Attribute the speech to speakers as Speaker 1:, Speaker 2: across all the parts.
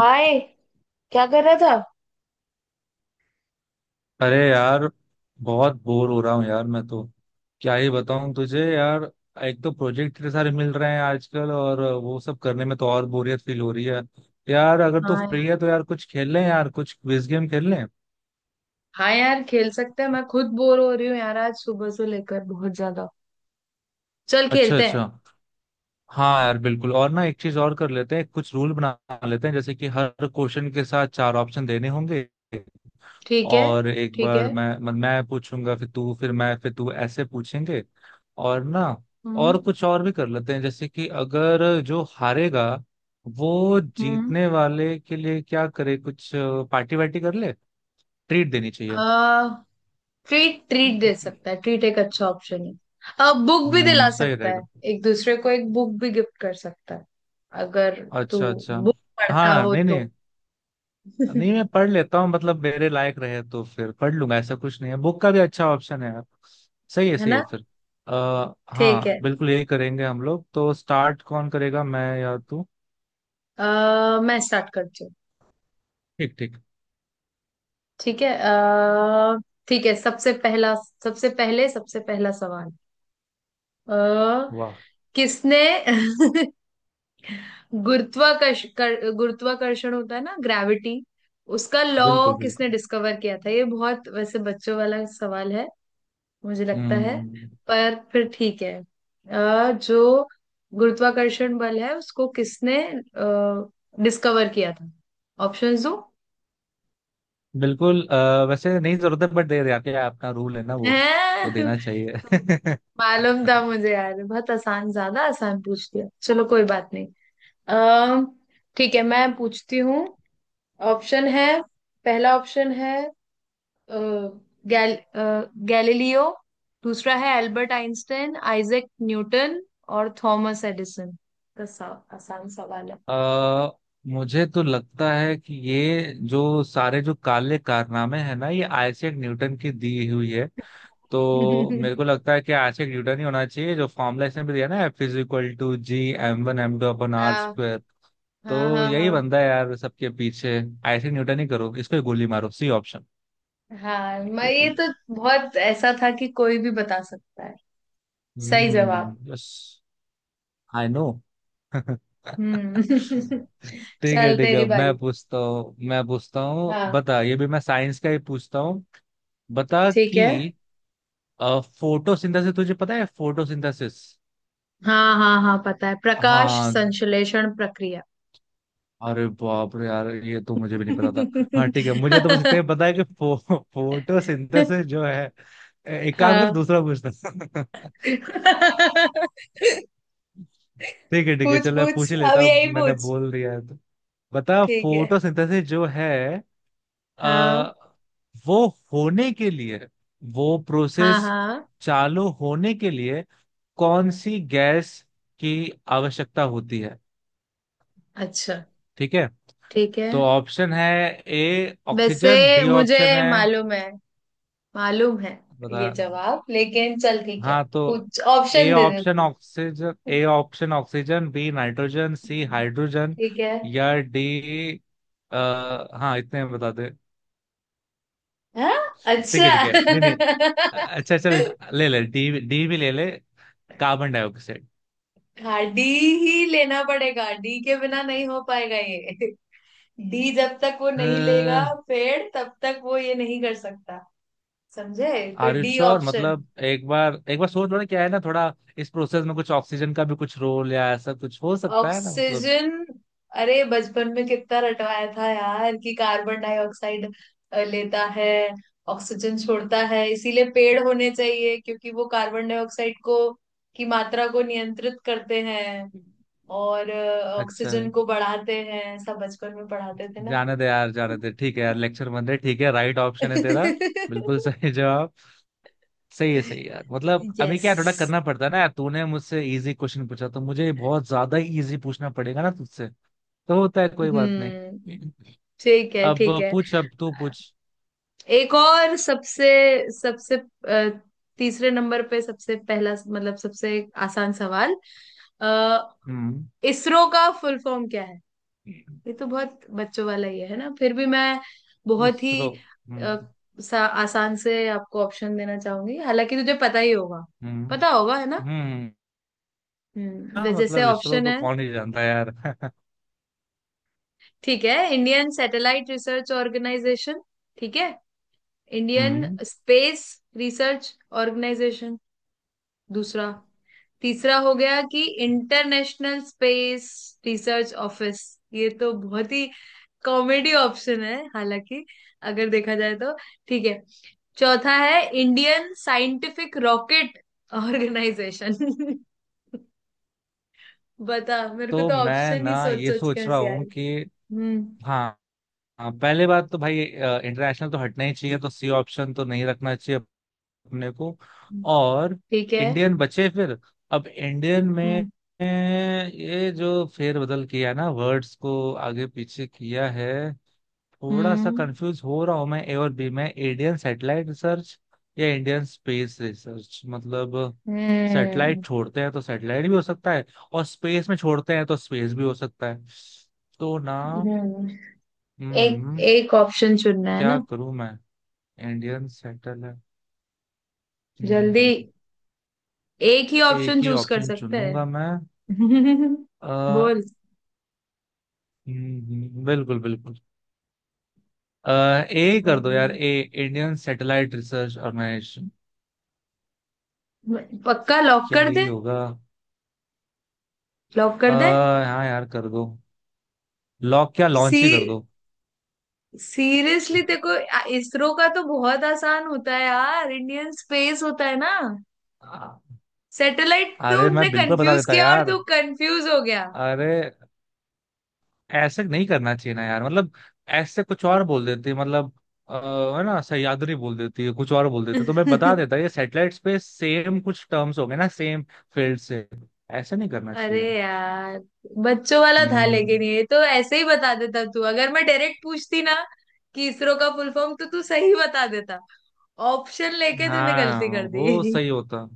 Speaker 1: हाय। क्या कर रहा था?
Speaker 2: अरे यार, बहुत बोर हो रहा हूँ यार। मैं तो क्या ही बताऊँ तुझे यार। एक तो प्रोजेक्ट इतने सारे मिल रहे हैं आजकल, और वो सब करने में तो और बोरियत फील हो रही है यार। अगर तू
Speaker 1: हाँ यार।
Speaker 2: फ्री है तो यार कुछ खेल लें, यार कुछ क्विज गेम खेल लें।
Speaker 1: हाँ यार, खेल सकते हैं, मैं खुद बोर हो रही हूँ यार, आज सुबह से लेकर बहुत ज्यादा। चल
Speaker 2: अच्छा
Speaker 1: खेलते हैं।
Speaker 2: अच्छा। हाँ यार, बिल्कुल। और ना, एक चीज और कर लेते हैं, कुछ रूल बना लेते हैं, जैसे कि हर क्वेश्चन के साथ चार ऑप्शन देने होंगे।
Speaker 1: ठीक है।
Speaker 2: और एक
Speaker 1: ठीक
Speaker 2: बार
Speaker 1: है।
Speaker 2: मैं मत- मैं पूछूंगा, फिर तू, फिर मैं, फिर तू, ऐसे पूछेंगे। और ना,
Speaker 1: हम्म।
Speaker 2: और कुछ और भी कर लेते हैं, जैसे कि अगर जो हारेगा वो
Speaker 1: हम्म।
Speaker 2: जीतने वाले के लिए क्या करे, कुछ पार्टी वार्टी कर ले, ट्रीट देनी चाहिए।
Speaker 1: आ, ट्रीट ट्रीट दे सकता है, ट्रीट एक अच्छा ऑप्शन है। बुक भी दिला
Speaker 2: सही
Speaker 1: सकता है।
Speaker 2: रहेगा।
Speaker 1: एक दूसरे को एक बुक भी गिफ्ट कर सकता है, अगर तू
Speaker 2: अच्छा अच्छा।
Speaker 1: बुक पढ़ता
Speaker 2: हाँ,
Speaker 1: हो
Speaker 2: नहीं
Speaker 1: तो।
Speaker 2: नहीं। नहीं मैं पढ़ लेता हूँ, मतलब मेरे लायक रहे तो फिर पढ़ लूंगा, ऐसा कुछ नहीं है। बुक का भी अच्छा ऑप्शन है यार।
Speaker 1: है
Speaker 2: सही है
Speaker 1: ना?
Speaker 2: फिर।
Speaker 1: ठीक
Speaker 2: हाँ
Speaker 1: है।
Speaker 2: बिल्कुल, यही करेंगे हम लोग। तो स्टार्ट कौन करेगा, मैं या तू?
Speaker 1: मैं स्टार्ट करती हूँ।
Speaker 2: ठीक ठीक।
Speaker 1: ठीक है। ठीक है। सबसे पहला सवाल। अ,
Speaker 2: वाह।
Speaker 1: किसने गुरुत्वाकर्षण होता है ना, ग्रेविटी, उसका लॉ
Speaker 2: बिल्कुल बिल्कुल।
Speaker 1: किसने डिस्कवर किया था? ये बहुत वैसे बच्चों वाला सवाल है मुझे लगता है,
Speaker 2: हम्म।
Speaker 1: पर फिर ठीक है। जो गुरुत्वाकर्षण बल है उसको किसने डिस्कवर किया था? ऑप्शंस दो।
Speaker 2: बिल्कुल, वैसे नहीं जरूरत है, बट दे रहे, आपके अपना रूल है ना वो, तो
Speaker 1: हैं?
Speaker 2: देना चाहिए।
Speaker 1: मालूम था मुझे यार, बहुत आसान, ज्यादा आसान पूछ लिया, चलो कोई बात नहीं। अम ठीक है, मैं पूछती हूँ। ऑप्शन है, पहला ऑप्शन है अ, गैलीलियो, दूसरा है एल्बर्ट आइंस्टाइन, आइजैक न्यूटन और थॉमस एडिसन। तो सा, आसान सवाल है।
Speaker 2: आ, मुझे तो लगता है कि ये जो सारे जो काले कारनामे हैं ना, ये आइजैक न्यूटन की दी हुई है। तो मेरे को लगता है कि आज एक न्यूटन ही होना चाहिए, जो फॉर्मूला इसने भी दिया ना, F is equal to G M one M two अपन आर
Speaker 1: हाँ
Speaker 2: स्क्वायर।
Speaker 1: हाँ
Speaker 2: तो
Speaker 1: हाँ।
Speaker 2: यही
Speaker 1: हाँ
Speaker 2: बंदा है यार सबके पीछे। ऐसे न्यूटन ही करो, इसको ही गोली मारो, सी ऑप्शन।
Speaker 1: हाँ, मैं ये तो बहुत ऐसा था कि कोई भी बता सकता है। सही जवाब।
Speaker 2: यस। I no.
Speaker 1: हम्म।
Speaker 2: ठीक है
Speaker 1: चल
Speaker 2: ठीक
Speaker 1: तेरी
Speaker 2: है, मैं
Speaker 1: बारी।
Speaker 2: पूछता हूँ मैं पूछता हूँ,
Speaker 1: हाँ।
Speaker 2: बता। ये भी मैं साइंस का ही पूछता हूँ। बता
Speaker 1: ठीक है।
Speaker 2: कि फोटोसिंथेसिस तुझे पता है, फोटोसिंथेसिस?
Speaker 1: हाँ हाँ हाँ, पता है, प्रकाश
Speaker 2: हाँ।
Speaker 1: संश्लेषण प्रक्रिया।
Speaker 2: अरे बाप रे यार, ये तो मुझे भी नहीं पता था। हाँ ठीक है, मुझे तो बस इतना ही पता है कि फोटोसिंथेसिस जो है। एक काम कर,
Speaker 1: हाँ।
Speaker 2: दूसरा पूछता। ठीक है ठीक है,
Speaker 1: पूछ
Speaker 2: चलो मैं
Speaker 1: पूछ,
Speaker 2: पूछ ही
Speaker 1: अब
Speaker 2: लेता हूँ,
Speaker 1: यही
Speaker 2: मैंने
Speaker 1: पूछ।
Speaker 2: बोल दिया है तो। बता
Speaker 1: ठीक है।
Speaker 2: फोटोसिंथेसिस जो है,
Speaker 1: हाँ।
Speaker 2: आ, वो होने के लिए, वो
Speaker 1: हाँ
Speaker 2: प्रोसेस
Speaker 1: हाँ।
Speaker 2: चालू होने के लिए कौन सी गैस की आवश्यकता होती है?
Speaker 1: अच्छा।
Speaker 2: ठीक है।
Speaker 1: ठीक है।
Speaker 2: तो ऑप्शन है, ए ऑक्सीजन,
Speaker 1: वैसे
Speaker 2: बी
Speaker 1: मुझे
Speaker 2: ऑप्शन है,
Speaker 1: मालूम है, मालूम है
Speaker 2: बता।
Speaker 1: ये जवाब, लेकिन चल ठीक है,
Speaker 2: हाँ तो
Speaker 1: कुछ
Speaker 2: ए
Speaker 1: ऑप्शन दे दे
Speaker 2: ऑप्शन
Speaker 1: तू।
Speaker 2: Oxygen, A option oxygen, B nitrogen, C hydrogen,
Speaker 1: ठीक है।
Speaker 2: या डी। आ, हाँ इतने बता दे।
Speaker 1: हाँ।
Speaker 2: ठीक
Speaker 1: अच्छा।
Speaker 2: है ठीक है, नहीं नहीं। अच्छा चल, ले ले, डी डी भी ले ले, कार्बन डाइऑक्साइड।
Speaker 1: हाँ, डी ही लेना पड़ेगा, डी के बिना नहीं हो पाएगा ये। डी, जब तक वो नहीं लेगा पेड़ तब तक वो ये नहीं कर सकता, समझे? तो
Speaker 2: are you
Speaker 1: the
Speaker 2: sure?
Speaker 1: Option.
Speaker 2: मतलब एक बार सोच लो ना, क्या है ना थोड़ा, इस प्रोसेस में कुछ ऑक्सीजन का भी कुछ रोल या ऐसा कुछ हो सकता है ना, मतलब।
Speaker 1: ऑक्सीजन? अरे बचपन में कितना रटवाया था यार कि कार्बन डाइऑक्साइड लेता है, ऑक्सीजन छोड़ता है, इसीलिए पेड़ होने चाहिए क्योंकि वो कार्बन डाइऑक्साइड को की मात्रा को नियंत्रित करते हैं, और
Speaker 2: अच्छा।
Speaker 1: ऑक्सीजन को बढ़ाते हैं, सब बचपन में पढ़ाते थे ना।
Speaker 2: जाने दे यार, जाने दे, ठीक है यार, लेक्चर बन रहे, ठीक है, राइट ऑप्शन है तेरा। बिल्कुल। सही जवाब। सही है यार, मतलब अभी
Speaker 1: यस।
Speaker 2: क्या थोड़ा करना पड़ता है ना यार, तूने मुझसे इजी क्वेश्चन पूछा तो मुझे बहुत ज्यादा इजी पूछना पड़ेगा ना तुझसे, तो होता है, कोई बात नहीं।
Speaker 1: हम्म। ठीक है।
Speaker 2: अब
Speaker 1: ठीक है।
Speaker 2: पूछ, अब तू पूछ।
Speaker 1: एक और, सबसे सबसे अ, तीसरे नंबर पे, सबसे पहला मतलब सबसे आसान सवाल। अ,
Speaker 2: हम्म।
Speaker 1: इसरो का फुल फॉर्म क्या है? ये तो बहुत बच्चों वाला ही है ना, फिर भी मैं बहुत ही
Speaker 2: इसरो।
Speaker 1: अ,
Speaker 2: हम्म।
Speaker 1: सा, आसान से आपको ऑप्शन देना चाहूंगी, हालांकि तुझे पता ही होगा।
Speaker 2: हम्म।
Speaker 1: पता होगा है ना?
Speaker 2: हम्म।
Speaker 1: हम्म।
Speaker 2: हाँ,
Speaker 1: जैसे
Speaker 2: मतलब इसरो
Speaker 1: ऑप्शन
Speaker 2: तो
Speaker 1: है।
Speaker 2: कौन ही जानता है यार।
Speaker 1: ठीक है, इंडियन सैटेलाइट रिसर्च ऑर्गेनाइजेशन। ठीक है, इंडियन
Speaker 2: हम्म।
Speaker 1: Space research organisation. दूसरा, तीसरा हो गया कि इंटरनेशनल स्पेस रिसर्च ऑफिस, ये तो बहुत ही कॉमेडी ऑप्शन है, हालांकि अगर देखा जाए तो। ठीक है, चौथा है इंडियन साइंटिफिक रॉकेट ऑर्गेनाइजेशन। बता, मेरे को
Speaker 2: तो
Speaker 1: तो
Speaker 2: मैं
Speaker 1: ऑप्शन ही
Speaker 2: ना
Speaker 1: सोच
Speaker 2: ये
Speaker 1: सोच के
Speaker 2: सोच रहा
Speaker 1: हंसी आ
Speaker 2: हूँ
Speaker 1: रही।
Speaker 2: कि
Speaker 1: हम्म।
Speaker 2: हाँ हाँ, पहले बात तो भाई इंटरनेशनल तो हटना ही चाहिए, तो सी ऑप्शन तो नहीं रखना चाहिए अपने को। और
Speaker 1: ठीक है।
Speaker 2: इंडियन बचे फिर। अब इंडियन में,
Speaker 1: हम्म।
Speaker 2: ये जो फेरबदल किया ना, वर्ड्स को आगे पीछे किया है, थोड़ा सा
Speaker 1: हम्म।
Speaker 2: कंफ्यूज हो रहा हूं मैं ए और बी में। इंडियन सैटेलाइट रिसर्च या इंडियन स्पेस रिसर्च, मतलब
Speaker 1: हम्म।
Speaker 2: सैटेलाइट छोड़ते हैं तो सैटेलाइट भी हो सकता है, और स्पेस में छोड़ते हैं तो स्पेस भी हो सकता है, तो ना।
Speaker 1: हम्म। एक,
Speaker 2: हम्म।
Speaker 1: एक ऑप्शन चुनना है
Speaker 2: क्या
Speaker 1: ना?
Speaker 2: करूं मैं? इंडियन सेटल है।
Speaker 1: जल्दी,
Speaker 2: हम्म,
Speaker 1: एक ही
Speaker 2: एक
Speaker 1: ऑप्शन
Speaker 2: ही
Speaker 1: चूज कर
Speaker 2: ऑप्शन
Speaker 1: सकता
Speaker 2: चुन
Speaker 1: है।
Speaker 2: लूंगा मैं। आ,
Speaker 1: बोल।
Speaker 2: बिल्कुल बिल्कुल। आ, ए कर दो यार, A Indian satellite research organisation.
Speaker 1: पक्का लॉक
Speaker 2: क्या
Speaker 1: कर
Speaker 2: यही
Speaker 1: दे।
Speaker 2: होगा?
Speaker 1: लॉक
Speaker 2: आ,
Speaker 1: कर दे।
Speaker 2: हाँ यार कर दो। लॉक क्या,
Speaker 1: सी।
Speaker 2: लॉन्च ही कर दो।
Speaker 1: सीरियसली देखो, इसरो का तो बहुत आसान होता है यार, इंडियन स्पेस होता है ना,
Speaker 2: आ,
Speaker 1: सैटेलाइट तो
Speaker 2: अरे
Speaker 1: उनने
Speaker 2: मैं बिल्कुल बता
Speaker 1: कंफ्यूज
Speaker 2: देता
Speaker 1: किया और
Speaker 2: यार।
Speaker 1: तू कंफ्यूज हो गया।
Speaker 2: अरे, ऐसे नहीं करना चाहिए ना यार, मतलब ऐसे कुछ और बोल देते, मतलब अ, है ना, सह्याद्री बोल देती है, कुछ और बोल देते तो मैं बता देता, ये सैटेलाइट्स पे सेम कुछ टर्म्स हो गए ना, सेम फील्ड से, ऐसे नहीं करना
Speaker 1: अरे
Speaker 2: चाहिए।
Speaker 1: यार, बच्चों वाला था,
Speaker 2: हम्म।
Speaker 1: लेकिन ये तो ऐसे ही बता देता तू अगर मैं डायरेक्ट पूछती ना कि इसरो का फुल फॉर्म, तो तू सही बता देता। ऑप्शन लेके तूने गलती
Speaker 2: हाँ
Speaker 1: कर
Speaker 2: वो
Speaker 1: दी।
Speaker 2: सही होता।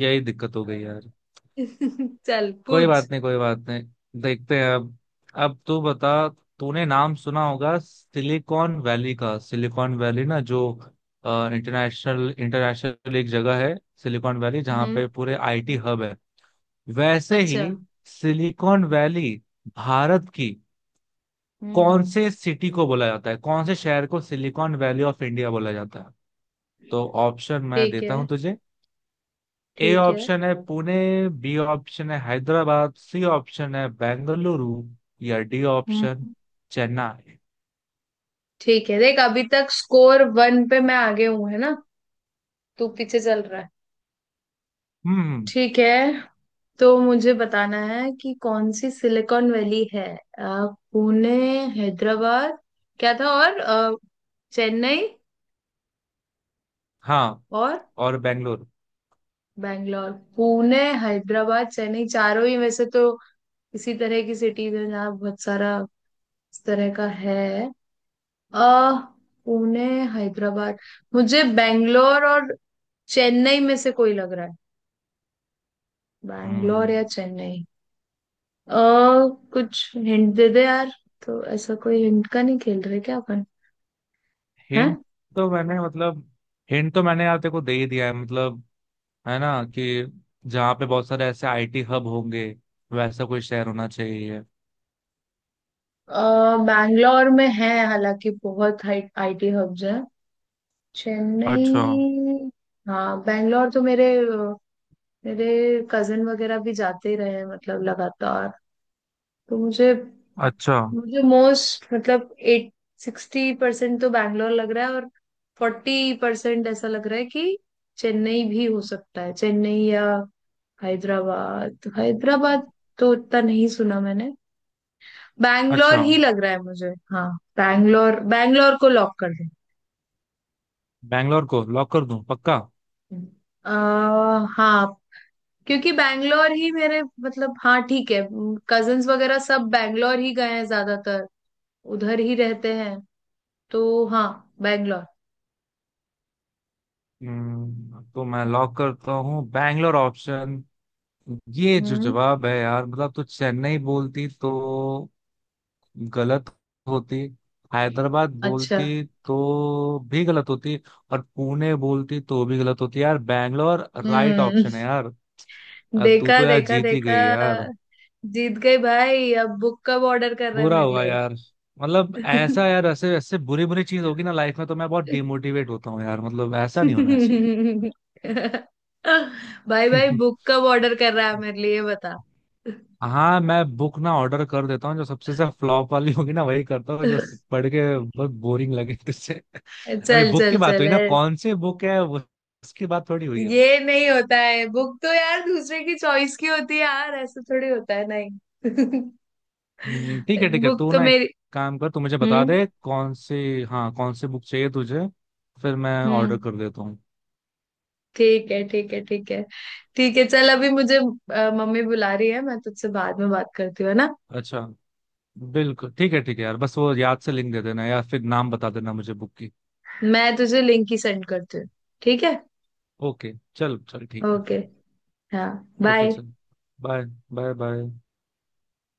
Speaker 2: यही दिक्कत हो गई यार।
Speaker 1: चल
Speaker 2: कोई
Speaker 1: पूछ।
Speaker 2: बात नहीं, कोई बात नहीं, देखते हैं अब। अब तू बता, तूने नाम सुना होगा सिलिकॉन वैली का, सिलिकॉन वैली ना, जो इंटरनेशनल इंटरनेशनल एक जगह है, सिलिकॉन वैली, जहाँ
Speaker 1: हम्म।
Speaker 2: पे पूरे आईटी हब है। वैसे
Speaker 1: अच्छा।
Speaker 2: ही सिलिकॉन वैली भारत की
Speaker 1: हम्म।
Speaker 2: कौन से सिटी को बोला जाता है, कौन से शहर को सिलिकॉन वैली ऑफ इंडिया बोला जाता है? तो ऑप्शन मैं
Speaker 1: ठीक
Speaker 2: देता
Speaker 1: है।
Speaker 2: हूँ तुझे। ए
Speaker 1: ठीक है।
Speaker 2: ऑप्शन है पुणे, बी ऑप्शन है हैदराबाद, सी ऑप्शन है बेंगलुरु, या डी ऑप्शन
Speaker 1: हम्म।
Speaker 2: चेन्नई।
Speaker 1: ठीक है देख, अभी तक स्कोर 1 पे मैं आगे हूं, है ना? तू पीछे चल रहा है।
Speaker 2: हम्म।
Speaker 1: ठीक है, तो मुझे बताना है कि कौन सी सिलिकॉन वैली है। अ, पुणे, हैदराबाद, क्या था और चेन्नई
Speaker 2: हाँ।
Speaker 1: और
Speaker 2: और बेंगलुरु।
Speaker 1: बैंगलोर। पुणे, हैदराबाद, चेन्नई, चारों ही वैसे तो इसी तरह की सिटीज है, जहाँ बहुत सारा इस तरह का है। अ पुणे, हैदराबाद, मुझे बैंगलोर और चेन्नई में से कोई लग रहा है, बैंगलोर या
Speaker 2: हम्म।
Speaker 1: चेन्नई। अ कुछ हिंट दे दे यार, तो ऐसा कोई हिंट का नहीं खेल रहे क्या? हैं?
Speaker 2: हिंट तो मैंने, मतलब हिंट तो मैंने यार तेरे को दे ही दिया है, मतलब है ना कि जहाँ पे बहुत सारे ऐसे आईटी हब होंगे, वैसा कोई शहर होना चाहिए।
Speaker 1: अ, बैंगलोर में है हालांकि बहुत हाई आईटी हब्स हैं,
Speaker 2: अच्छा।
Speaker 1: चेन्नई। हाँ, बैंगलोर तो मेरे मेरे कजिन वगैरह भी जाते ही रहे हैं, मतलब लगातार। तो मुझे
Speaker 2: अच्छा।
Speaker 1: मुझे मोस्ट, मतलब एट 60% तो बैंगलोर लग रहा है, और 40% ऐसा लग रहा है कि चेन्नई भी हो सकता है, चेन्नई या हैदराबाद। हैदराबाद तो उतना नहीं सुना मैंने, बैंगलोर
Speaker 2: अच्छा।
Speaker 1: ही लग रहा है मुझे। हाँ, बैंगलोर। बैंगलोर, को लॉक कर दें?
Speaker 2: बैंगलोर को लॉक कर दूं पक्का?
Speaker 1: अह हाँ, क्योंकि बैंगलोर ही मेरे, मतलब, हाँ ठीक है, कजन्स वगैरह सब बैंगलोर ही गए हैं ज्यादातर, उधर ही रहते हैं तो। हाँ, बैंगलोर।
Speaker 2: तो मैं लॉक करता हूँ बैंगलोर ऑप्शन। ये जो
Speaker 1: हम्म।
Speaker 2: जवाब है यार, मतलब तो चेन्नई बोलती तो गलत होती, हैदराबाद
Speaker 1: अच्छा।
Speaker 2: बोलती तो भी गलत होती, और पुणे बोलती तो भी गलत होती यार, बैंगलोर राइट
Speaker 1: हम्म।
Speaker 2: ऑप्शन है यार। तू
Speaker 1: देखा
Speaker 2: तो यार
Speaker 1: देखा
Speaker 2: जीत ही
Speaker 1: देखा,
Speaker 2: गई यार।
Speaker 1: जीत गई भाई, अब बुक कब ऑर्डर कर रहे हैं
Speaker 2: बुरा
Speaker 1: मेरे
Speaker 2: हुआ
Speaker 1: लिए?
Speaker 2: यार, मतलब ऐसा यार, ऐसे ऐसे बुरी बुरी चीज होगी ना लाइफ में तो मैं बहुत डिमोटिवेट होता हूँ यार, मतलब ऐसा नहीं होना चाहिए।
Speaker 1: भाई भाई, बुक कब ऑर्डर कर रहा है मेरे लिए, ये बता।
Speaker 2: हाँ मैं बुक ना ऑर्डर कर देता हूँ, जो सबसे ज्यादा फ्लॉप वाली होगी ना, वही करता हूँ, जो
Speaker 1: चल
Speaker 2: पढ़ के बहुत बोरिंग लगे तुझसे। अभी
Speaker 1: चल
Speaker 2: बुक की बात
Speaker 1: चल,
Speaker 2: हुई ना, कौन सी बुक है वो उसकी बात थोड़ी हुई है।
Speaker 1: ये नहीं होता है, बुक तो यार दूसरे की चॉइस की होती है यार, ऐसा थोड़ी होता है नहीं।
Speaker 2: ठीक है ठीक है,
Speaker 1: बुक
Speaker 2: तू
Speaker 1: तो
Speaker 2: ना एक
Speaker 1: मेरी।
Speaker 2: काम कर, तू मुझे बता
Speaker 1: हम्म।
Speaker 2: दे कौन सी, हाँ कौन सी बुक चाहिए तुझे, फिर मैं
Speaker 1: हम्म।
Speaker 2: ऑर्डर कर देता हूँ।
Speaker 1: ठीक है। ठीक है। ठीक है। ठीक है चल, अभी मुझे मम्मी बुला रही है, मैं तुझसे बाद में बात करती हूँ, है ना?
Speaker 2: अच्छा। बिल्कुल ठीक है यार, बस वो याद से लिंक दे देना या फिर नाम बता देना मुझे बुक की।
Speaker 1: मैं तुझे लिंक ही सेंड करती हूँ। ठीक है।
Speaker 2: ओके चल चल ठीक है
Speaker 1: ओके।
Speaker 2: फिर।
Speaker 1: हाँ।
Speaker 2: Okay
Speaker 1: bye.
Speaker 2: चल। बाय। Bye bye.